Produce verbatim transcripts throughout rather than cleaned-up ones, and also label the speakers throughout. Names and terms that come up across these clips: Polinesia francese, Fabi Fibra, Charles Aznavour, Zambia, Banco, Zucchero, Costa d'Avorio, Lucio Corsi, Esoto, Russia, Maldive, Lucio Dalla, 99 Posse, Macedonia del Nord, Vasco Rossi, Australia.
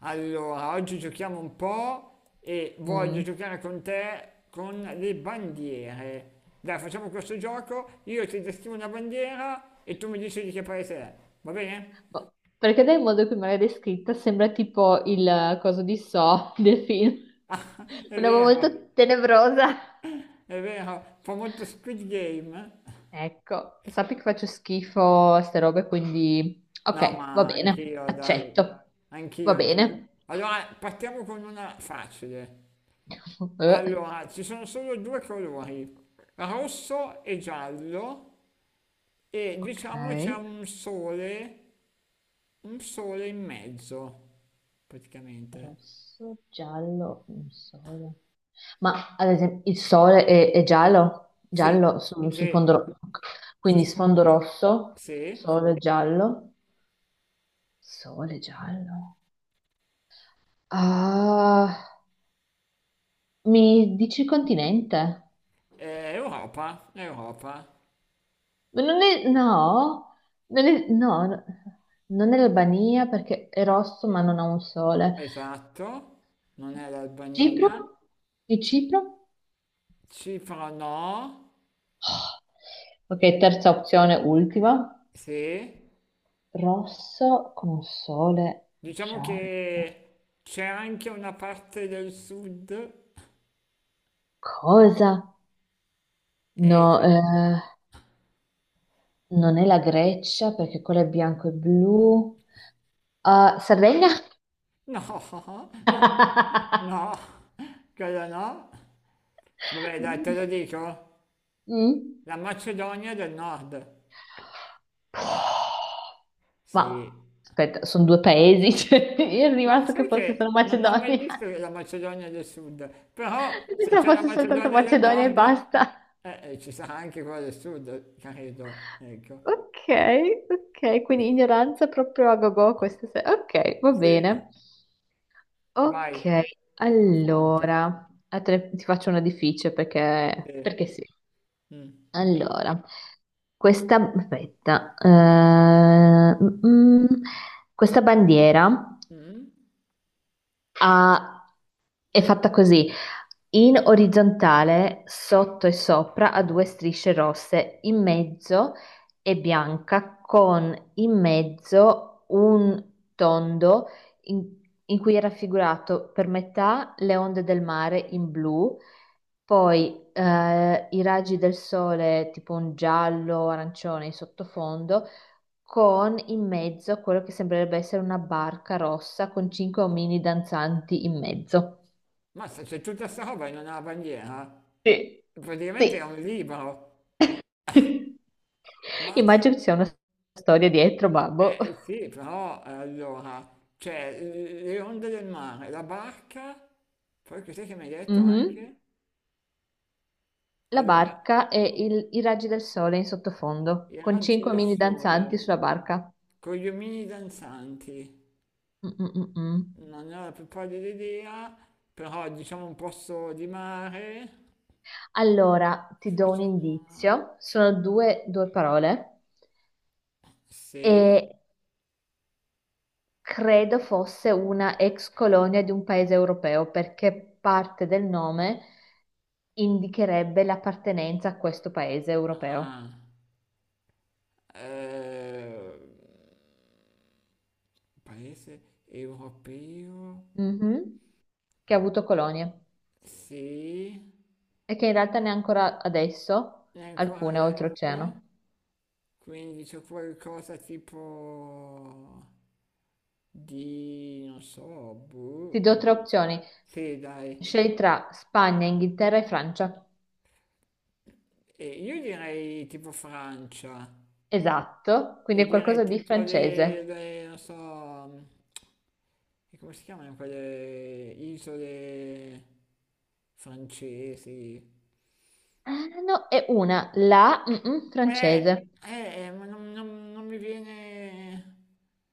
Speaker 1: Allora, oggi giochiamo un po' e voglio
Speaker 2: Mm.
Speaker 1: giocare con te con le bandiere. Dai, facciamo questo gioco, io ti descrivo una bandiera e tu mi dici di che paese è, va bene?
Speaker 2: Boh. Perché dal modo in cui me l'hai descritta sembra tipo il eh, coso di So del film.
Speaker 1: Ah, è
Speaker 2: Una roba
Speaker 1: vero,
Speaker 2: molto tenebrosa.
Speaker 1: è vero, fa molto Squid Game.
Speaker 2: Ecco, sappi che faccio schifo a ste robe, quindi
Speaker 1: No,
Speaker 2: ok, va
Speaker 1: ma
Speaker 2: bene,
Speaker 1: anch'io, dai,
Speaker 2: accetto. Va
Speaker 1: anch'io, anch'io.
Speaker 2: bene.
Speaker 1: Allora, partiamo con una facile.
Speaker 2: Eh,
Speaker 1: Allora, ci sono solo due colori, rosso e giallo, e
Speaker 2: ok.
Speaker 1: diciamo c'è un sole. Un sole in mezzo, praticamente.
Speaker 2: Rosso, giallo, un sole. Ma ad esempio il sole è, è giallo,
Speaker 1: Sì,
Speaker 2: giallo su, su fondo
Speaker 1: sì,
Speaker 2: rosso,
Speaker 1: su
Speaker 2: quindi
Speaker 1: sfo-
Speaker 2: sfondo rosso,
Speaker 1: sì,
Speaker 2: sole giallo. Sole giallo. Ah, mi dici continente?
Speaker 1: è Europa, è Europa.
Speaker 2: Ma Non è, no, non è, no, no, non è l'Albania perché è rosso ma non ha un sole.
Speaker 1: Esatto, non è
Speaker 2: Cipro?
Speaker 1: l'Albania.
Speaker 2: Di Cipro?
Speaker 1: Cipro no,
Speaker 2: Ok, terza opzione, ultima.
Speaker 1: sì.
Speaker 2: Rosso con sole
Speaker 1: Diciamo
Speaker 2: giallo.
Speaker 1: che c'è anche una parte del sud.
Speaker 2: Cosa?
Speaker 1: E...
Speaker 2: No, eh, non è la Grecia perché quello è bianco e blu. Ah, Sardegna?
Speaker 1: No, no, quello no. Vabbè, dai, te lo dico.
Speaker 2: Mm?
Speaker 1: La Macedonia del Nord. Sì,
Speaker 2: Ma aspetta, sono due paesi, cioè, io ero
Speaker 1: ma
Speaker 2: rimasto che
Speaker 1: sai
Speaker 2: fosse solo
Speaker 1: che non ho mai
Speaker 2: Macedonia,
Speaker 1: visto la Macedonia del Sud, però
Speaker 2: io
Speaker 1: se c'è
Speaker 2: pensavo
Speaker 1: la
Speaker 2: fosse soltanto
Speaker 1: Macedonia del
Speaker 2: Macedonia e
Speaker 1: Nord,
Speaker 2: basta.
Speaker 1: eh, eh, ci sarà anche quella del Sud, credo. Ecco.
Speaker 2: Ok, ok, quindi ignoranza proprio a gogo questa sera. Ok, va
Speaker 1: Sì,
Speaker 2: bene.
Speaker 1: vai,
Speaker 2: Ok,
Speaker 1: sono pronto.
Speaker 2: allora, a te- ti faccio una difficile
Speaker 1: Sì.
Speaker 2: perché, perché sì.
Speaker 1: Mm.
Speaker 2: Allora, questa, aspetta, eh, mm, mm, questa bandiera
Speaker 1: Mm.
Speaker 2: ha è fatta così, in orizzontale, sotto e sopra, ha due strisce rosse, in mezzo è bianca con in mezzo un tondo in, in cui è raffigurato per metà le onde del mare in blu, poi eh, i raggi del sole tipo un giallo, arancione in sottofondo, con in mezzo quello che sembrerebbe essere una barca rossa con cinque omini danzanti in mezzo.
Speaker 1: Mazza, c'è tutta questa roba in una bandiera.
Speaker 2: Sì.
Speaker 1: Praticamente è
Speaker 2: Sì.
Speaker 1: un libro.
Speaker 2: Immagino
Speaker 1: Mazza.
Speaker 2: che ci sia una storia dietro, babbo.
Speaker 1: Eh, eh, sì, però eh, allora c'è eh, le onde del mare, la barca, poi cos'è che mi hai detto
Speaker 2: Mhm.
Speaker 1: anche?
Speaker 2: La
Speaker 1: Allora,
Speaker 2: barca e il- i raggi del sole in sottofondo,
Speaker 1: i
Speaker 2: con
Speaker 1: raggi
Speaker 2: cinque
Speaker 1: del
Speaker 2: mini danzanti
Speaker 1: sole.
Speaker 2: sulla barca.
Speaker 1: Con gli omini danzanti,
Speaker 2: Mm, mm, mm, mm.
Speaker 1: non ne ho la più pallida idea, però diciamo un posto di mare,
Speaker 2: Allora, ti do un
Speaker 1: facciamo...
Speaker 2: indizio. Sono due, due parole
Speaker 1: Sì,
Speaker 2: e credo fosse una ex colonia di un paese europeo perché parte del nome indicherebbe l'appartenenza a questo paese europeo.
Speaker 1: ah, eh, paese europeo,
Speaker 2: Mhm. Che ha avuto colonie.
Speaker 1: sì,
Speaker 2: E che in realtà ne ha ancora adesso
Speaker 1: e ancora
Speaker 2: alcune oltreoceano.
Speaker 1: adesso, quindi c'è qualcosa tipo di, non so,
Speaker 2: Ti
Speaker 1: boh,
Speaker 2: do tre opzioni.
Speaker 1: sì dai,
Speaker 2: Scegli tra Spagna, Inghilterra e Francia.
Speaker 1: e io direi tipo Francia.
Speaker 2: Esatto, quindi
Speaker 1: E
Speaker 2: è
Speaker 1: direi
Speaker 2: qualcosa di
Speaker 1: tipo le,
Speaker 2: francese.
Speaker 1: le- non so, e come si chiamano quelle isole francesi?
Speaker 2: Ah, no, è una, la mm, mm,
Speaker 1: Eh,
Speaker 2: francese.
Speaker 1: eh, eh, ma non, non- non mi viene...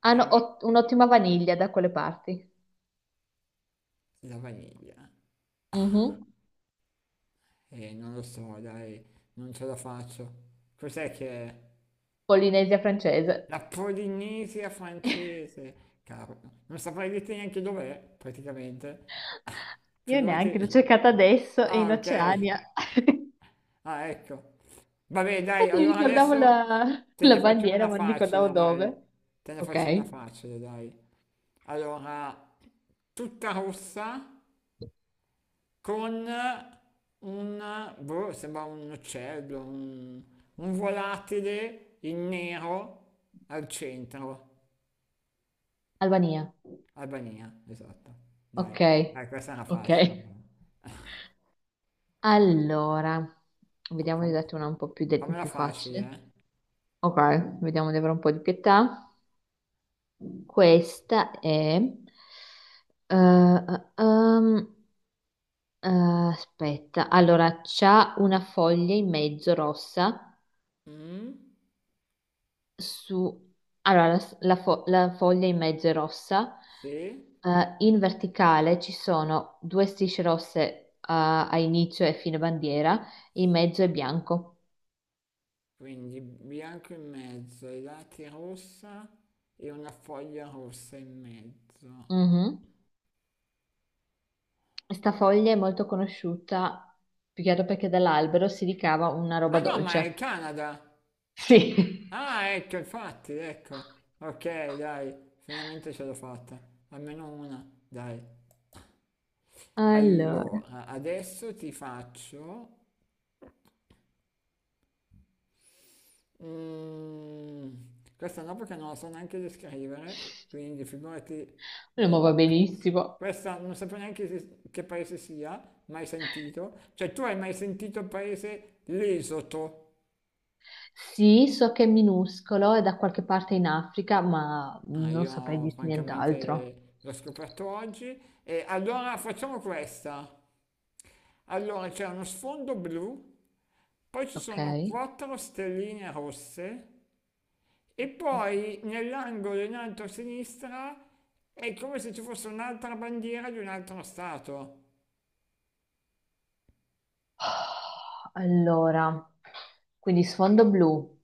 Speaker 2: Hanno
Speaker 1: Eh,
Speaker 2: ot- un'ottima vaniglia da quelle parti.
Speaker 1: la vaniglia.
Speaker 2: Mhm.
Speaker 1: Eh, non lo so, dai, non ce la faccio. Cos'è che è?
Speaker 2: Polinesia francese.
Speaker 1: La Polinesia francese, cavolo. Non saprei dirti neanche dov'è, praticamente. Ah,
Speaker 2: Io
Speaker 1: figurati...
Speaker 2: neanche, l'ho cercata adesso e
Speaker 1: Ah,
Speaker 2: in
Speaker 1: ok.
Speaker 2: Oceania. Infatti
Speaker 1: Ah, ecco. Vabbè, dai,
Speaker 2: mi
Speaker 1: allora
Speaker 2: ricordavo
Speaker 1: adesso
Speaker 2: la,
Speaker 1: te
Speaker 2: la
Speaker 1: ne faccio
Speaker 2: bandiera,
Speaker 1: una
Speaker 2: ma non ricordavo
Speaker 1: facile, dai.
Speaker 2: dove.
Speaker 1: Te ne faccio una
Speaker 2: Ok.
Speaker 1: facile, dai. Allora, tutta rossa con un, boh, sembra un uccello, un, un volatile in nero al centro.
Speaker 2: Albania.
Speaker 1: Albania, esatto. Dai,
Speaker 2: Ok,
Speaker 1: dai, questa era
Speaker 2: ok.
Speaker 1: facile.
Speaker 2: Allora, vediamo di
Speaker 1: Fam-
Speaker 2: darti una un po' più, de-
Speaker 1: fammela
Speaker 2: più
Speaker 1: facile,
Speaker 2: facile.
Speaker 1: eh.
Speaker 2: Ok, vediamo di avere un po' di pietà. Questa è... eh, eh, ehm, eh, aspetta, allora, c'ha una foglia in mezzo rossa
Speaker 1: Mm,
Speaker 2: su... Allora, la, la fo- la foglia in mezzo è rossa.
Speaker 1: sì.
Speaker 2: eh, in verticale ci sono due strisce rosse, eh, a inizio e fine bandiera, in mezzo è bianco.
Speaker 1: Quindi bianco in mezzo, i lati rossa e una foglia rossa in mezzo.
Speaker 2: Mhm. Sta foglia è molto conosciuta, più che altro perché dall'albero si ricava una
Speaker 1: Ah
Speaker 2: roba
Speaker 1: no, ma è il
Speaker 2: dolce.
Speaker 1: Canada!
Speaker 2: Sì.
Speaker 1: Ah, ecco, infatti, ecco. Ok, dai, finalmente ce l'ho fatta. Almeno una, dai.
Speaker 2: Allora,
Speaker 1: Allora, adesso ti faccio... Mm, questa no perché non la so neanche descrivere, quindi figurati...
Speaker 2: lo
Speaker 1: eh,
Speaker 2: muovo benissimo.
Speaker 1: questa non sapevo neanche se- che paese sia, mai sentito. Cioè, tu hai mai sentito il paese l'Esoto?
Speaker 2: Sì, so che è minuscolo, è da qualche parte in Africa, ma
Speaker 1: Ah,
Speaker 2: non saprei
Speaker 1: io
Speaker 2: dirti nient'altro.
Speaker 1: francamente l'ho scoperto oggi. E allora facciamo questa. Allora c'è uno sfondo blu, poi ci
Speaker 2: Ok?
Speaker 1: sono quattro stelline rosse e poi nell'angolo in alto a sinistra è come se ci fosse un'altra bandiera di un altro stato.
Speaker 2: Allora, quindi sfondo blu,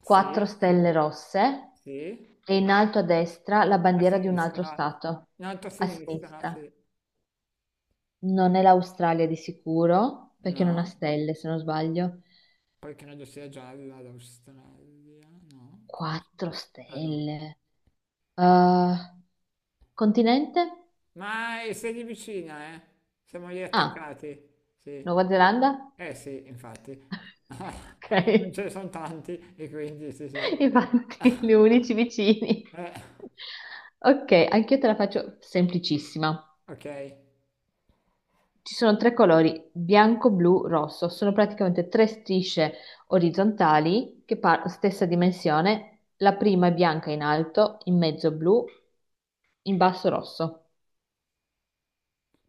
Speaker 2: quattro
Speaker 1: Sì,
Speaker 2: stelle rosse
Speaker 1: sì,
Speaker 2: e in alto a destra la
Speaker 1: a
Speaker 2: bandiera di un altro
Speaker 1: sinistra.
Speaker 2: stato,
Speaker 1: In alto a
Speaker 2: a
Speaker 1: sinistra,
Speaker 2: sinistra.
Speaker 1: sì.
Speaker 2: Non è l'Australia di sicuro, perché non ha
Speaker 1: No,
Speaker 2: stelle, se non sbaglio.
Speaker 1: poi credo sia gialla l'Australia, no? Forse.
Speaker 2: Quattro
Speaker 1: Ah no,
Speaker 2: stelle. Ah, continente?
Speaker 1: ma è- sei lì vicina, eh? Siamo lì
Speaker 2: Ah,
Speaker 1: attaccati,
Speaker 2: Nuova
Speaker 1: sì.
Speaker 2: Zelanda?
Speaker 1: Eh sì, infatti.
Speaker 2: Ok,
Speaker 1: Non ce ne sono tanti e quindi sì sì.
Speaker 2: infatti gli unici vicini.
Speaker 1: Eh,
Speaker 2: Ok, anche io te la faccio semplicissima.
Speaker 1: ok,
Speaker 2: Ci sono tre colori, bianco, blu, rosso. Sono praticamente tre strisce orizzontali che par- stessa dimensione. La prima è bianca in alto, in mezzo blu, in basso rosso.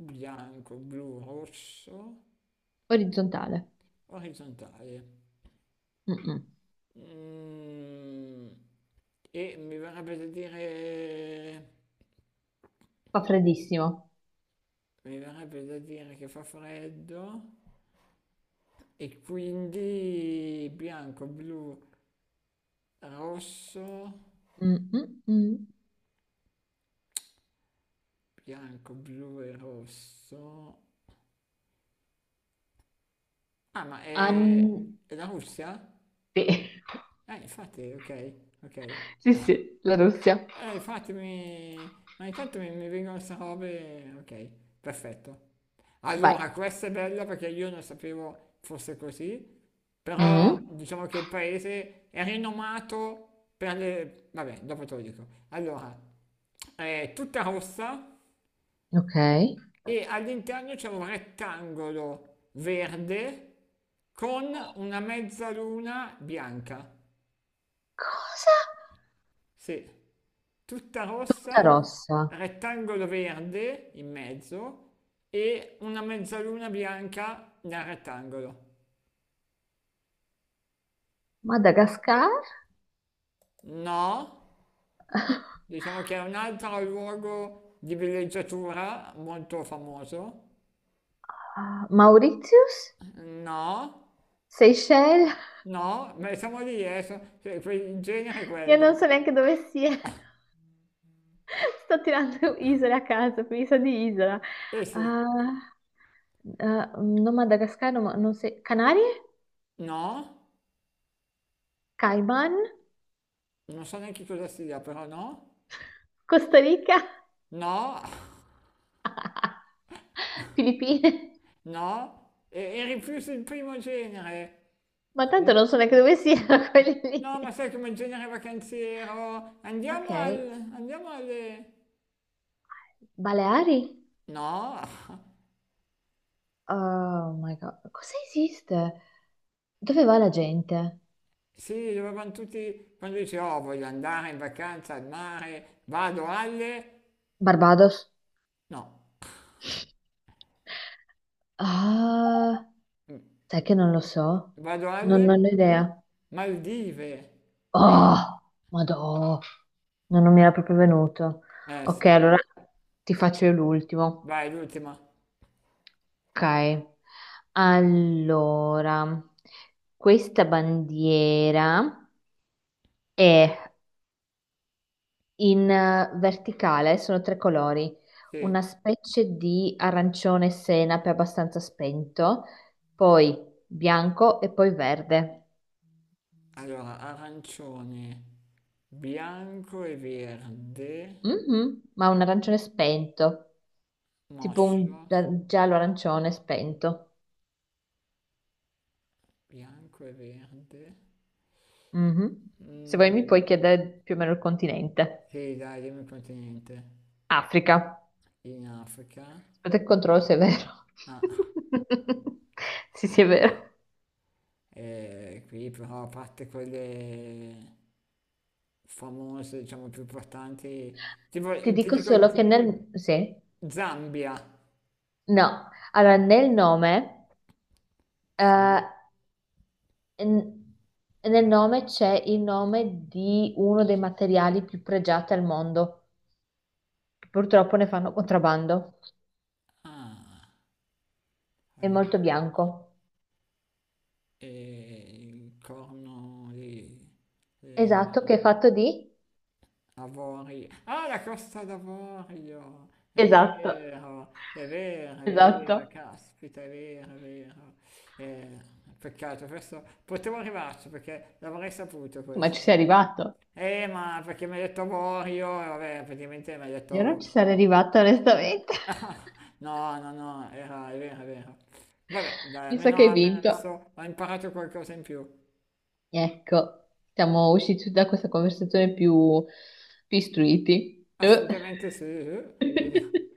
Speaker 1: bianco, blu, rosso,
Speaker 2: Orizzontale.
Speaker 1: orizzontale.
Speaker 2: Mm-mm.
Speaker 1: Mm, e mi verrebbe da dire...
Speaker 2: Fa freddissimo.
Speaker 1: Mi verrebbe da dire che fa freddo. E quindi bianco, blu, rosso,
Speaker 2: Mm-mm-mm.
Speaker 1: bianco, blu e rosso. Ah, ma è,
Speaker 2: An-
Speaker 1: è la Russia?
Speaker 2: Sì.
Speaker 1: Eh, infatti, ok, ok.
Speaker 2: Sì, sì, la Russia.
Speaker 1: Eh, infatti mi... Ma intanto mi, mi vengono queste robe... Ok, perfetto.
Speaker 2: Vai.
Speaker 1: Allora, questa è bella perché io non sapevo fosse così, però
Speaker 2: Mm,
Speaker 1: diciamo che il paese è rinomato per le... Vabbè, dopo te lo dico. Allora, è tutta rossa
Speaker 2: ok.
Speaker 1: e all'interno c'è un rettangolo verde con una mezzaluna bianca.
Speaker 2: Cosa?
Speaker 1: Sì, tutta
Speaker 2: Tutta
Speaker 1: rossa,
Speaker 2: rossa.
Speaker 1: rettangolo verde in mezzo e una mezzaluna bianca nel rettangolo.
Speaker 2: Madagascar?
Speaker 1: No, diciamo che è un altro luogo di villeggiatura molto famoso.
Speaker 2: Ah, Mauritius?
Speaker 1: No,
Speaker 2: Seychelles?
Speaker 1: no, ma siamo lì, eh, so- cioè, que- in genere è
Speaker 2: Io non
Speaker 1: quello.
Speaker 2: so neanche dove siano. Sto tirando isole a caso, quindi so di isola.
Speaker 1: Eh sì,
Speaker 2: Ah, ah, non Madagascar, no, ma- non so. Canarie?
Speaker 1: no.
Speaker 2: Cayman?
Speaker 1: Non so neanche cosa sia, però no,
Speaker 2: Costa Rica?
Speaker 1: no,
Speaker 2: Filippine?
Speaker 1: no, e, e rifiuto il primo genere.
Speaker 2: Ma tanto
Speaker 1: Sì.
Speaker 2: non so neanche dove siano quelli lì.
Speaker 1: No, ma sai come genere vacanziero?
Speaker 2: Ok,
Speaker 1: Andiamo al... andiamo alle...
Speaker 2: Baleari?
Speaker 1: No?
Speaker 2: Oh my God, cosa esiste? Dove va la gente?
Speaker 1: Sì, dovevano tutti... Quando dici, oh, voglio andare in vacanza al mare, vado alle...
Speaker 2: Barbados?
Speaker 1: No,
Speaker 2: Ah. Sai che non lo so?
Speaker 1: vado alle...
Speaker 2: Non, non ho
Speaker 1: Mm?
Speaker 2: idea.
Speaker 1: Maldive.
Speaker 2: Oh, madò, no, non mi era proprio venuto.
Speaker 1: Eh
Speaker 2: Ok,
Speaker 1: sì,
Speaker 2: allora ti faccio io l'ultimo.
Speaker 1: vai l'ultima.
Speaker 2: Ok, allora, questa bandiera è in eh, verticale, sono tre colori, una
Speaker 1: Sì,
Speaker 2: specie di arancione senape abbastanza spento, poi bianco e poi verde.
Speaker 1: allora arancione, bianco e verde.
Speaker 2: Mhm, ma un arancione spento. Tipo
Speaker 1: Moscio,
Speaker 2: un gia- giallo arancione spento.
Speaker 1: bianco e verde.
Speaker 2: Mhm.
Speaker 1: Sì.
Speaker 2: Se vuoi
Speaker 1: Mm,
Speaker 2: mi puoi chiedere più o meno il continente.
Speaker 1: sì, dai, dimmi un continente.
Speaker 2: Africa.
Speaker 1: In Africa.
Speaker 2: Aspetta che controllo se è vero.
Speaker 1: Ah,
Speaker 2: Sì, sì, è vero.
Speaker 1: e qui però a parte quelle famose, diciamo, più importanti. Tipo,
Speaker 2: Ti
Speaker 1: ti
Speaker 2: dico
Speaker 1: dico Z-
Speaker 2: solo che
Speaker 1: Cosa?
Speaker 2: nel... Sì?
Speaker 1: Zambia.
Speaker 2: No. Allora, nel nome... eh,
Speaker 1: Sì.
Speaker 2: n- nel nome c'è il nome di uno dei materiali più pregiati al mondo. Che purtroppo ne fanno contrabbando.
Speaker 1: Ah,
Speaker 2: È
Speaker 1: allora.
Speaker 2: molto bianco.
Speaker 1: E il corno di...
Speaker 2: Esatto,
Speaker 1: eh,
Speaker 2: che è fatto di...
Speaker 1: avorio. Ah, la Costa d'Avorio! È
Speaker 2: Esatto,
Speaker 1: vero, è vero, è vero,
Speaker 2: esatto.
Speaker 1: caspita, è vero, è vero. Eh, peccato, questo potevo arrivarci perché l'avrei saputo
Speaker 2: Ma ci
Speaker 1: questo.
Speaker 2: sei arrivato.
Speaker 1: Eh, ma perché mi hai detto avorio, e vabbè, praticamente mi hai
Speaker 2: Io non
Speaker 1: detto...
Speaker 2: ci sarei arrivata onestamente.
Speaker 1: Ah, no, no, no, era, è vero, è vero. Vabbè, dai,
Speaker 2: Mi sa
Speaker 1: almeno,
Speaker 2: che hai
Speaker 1: almeno
Speaker 2: vinto.
Speaker 1: adesso ho imparato qualcosa in più.
Speaker 2: Ecco, siamo usciti da questa conversazione più, più istruiti. Eh.
Speaker 1: Assolutamente sì, eh. Vedi-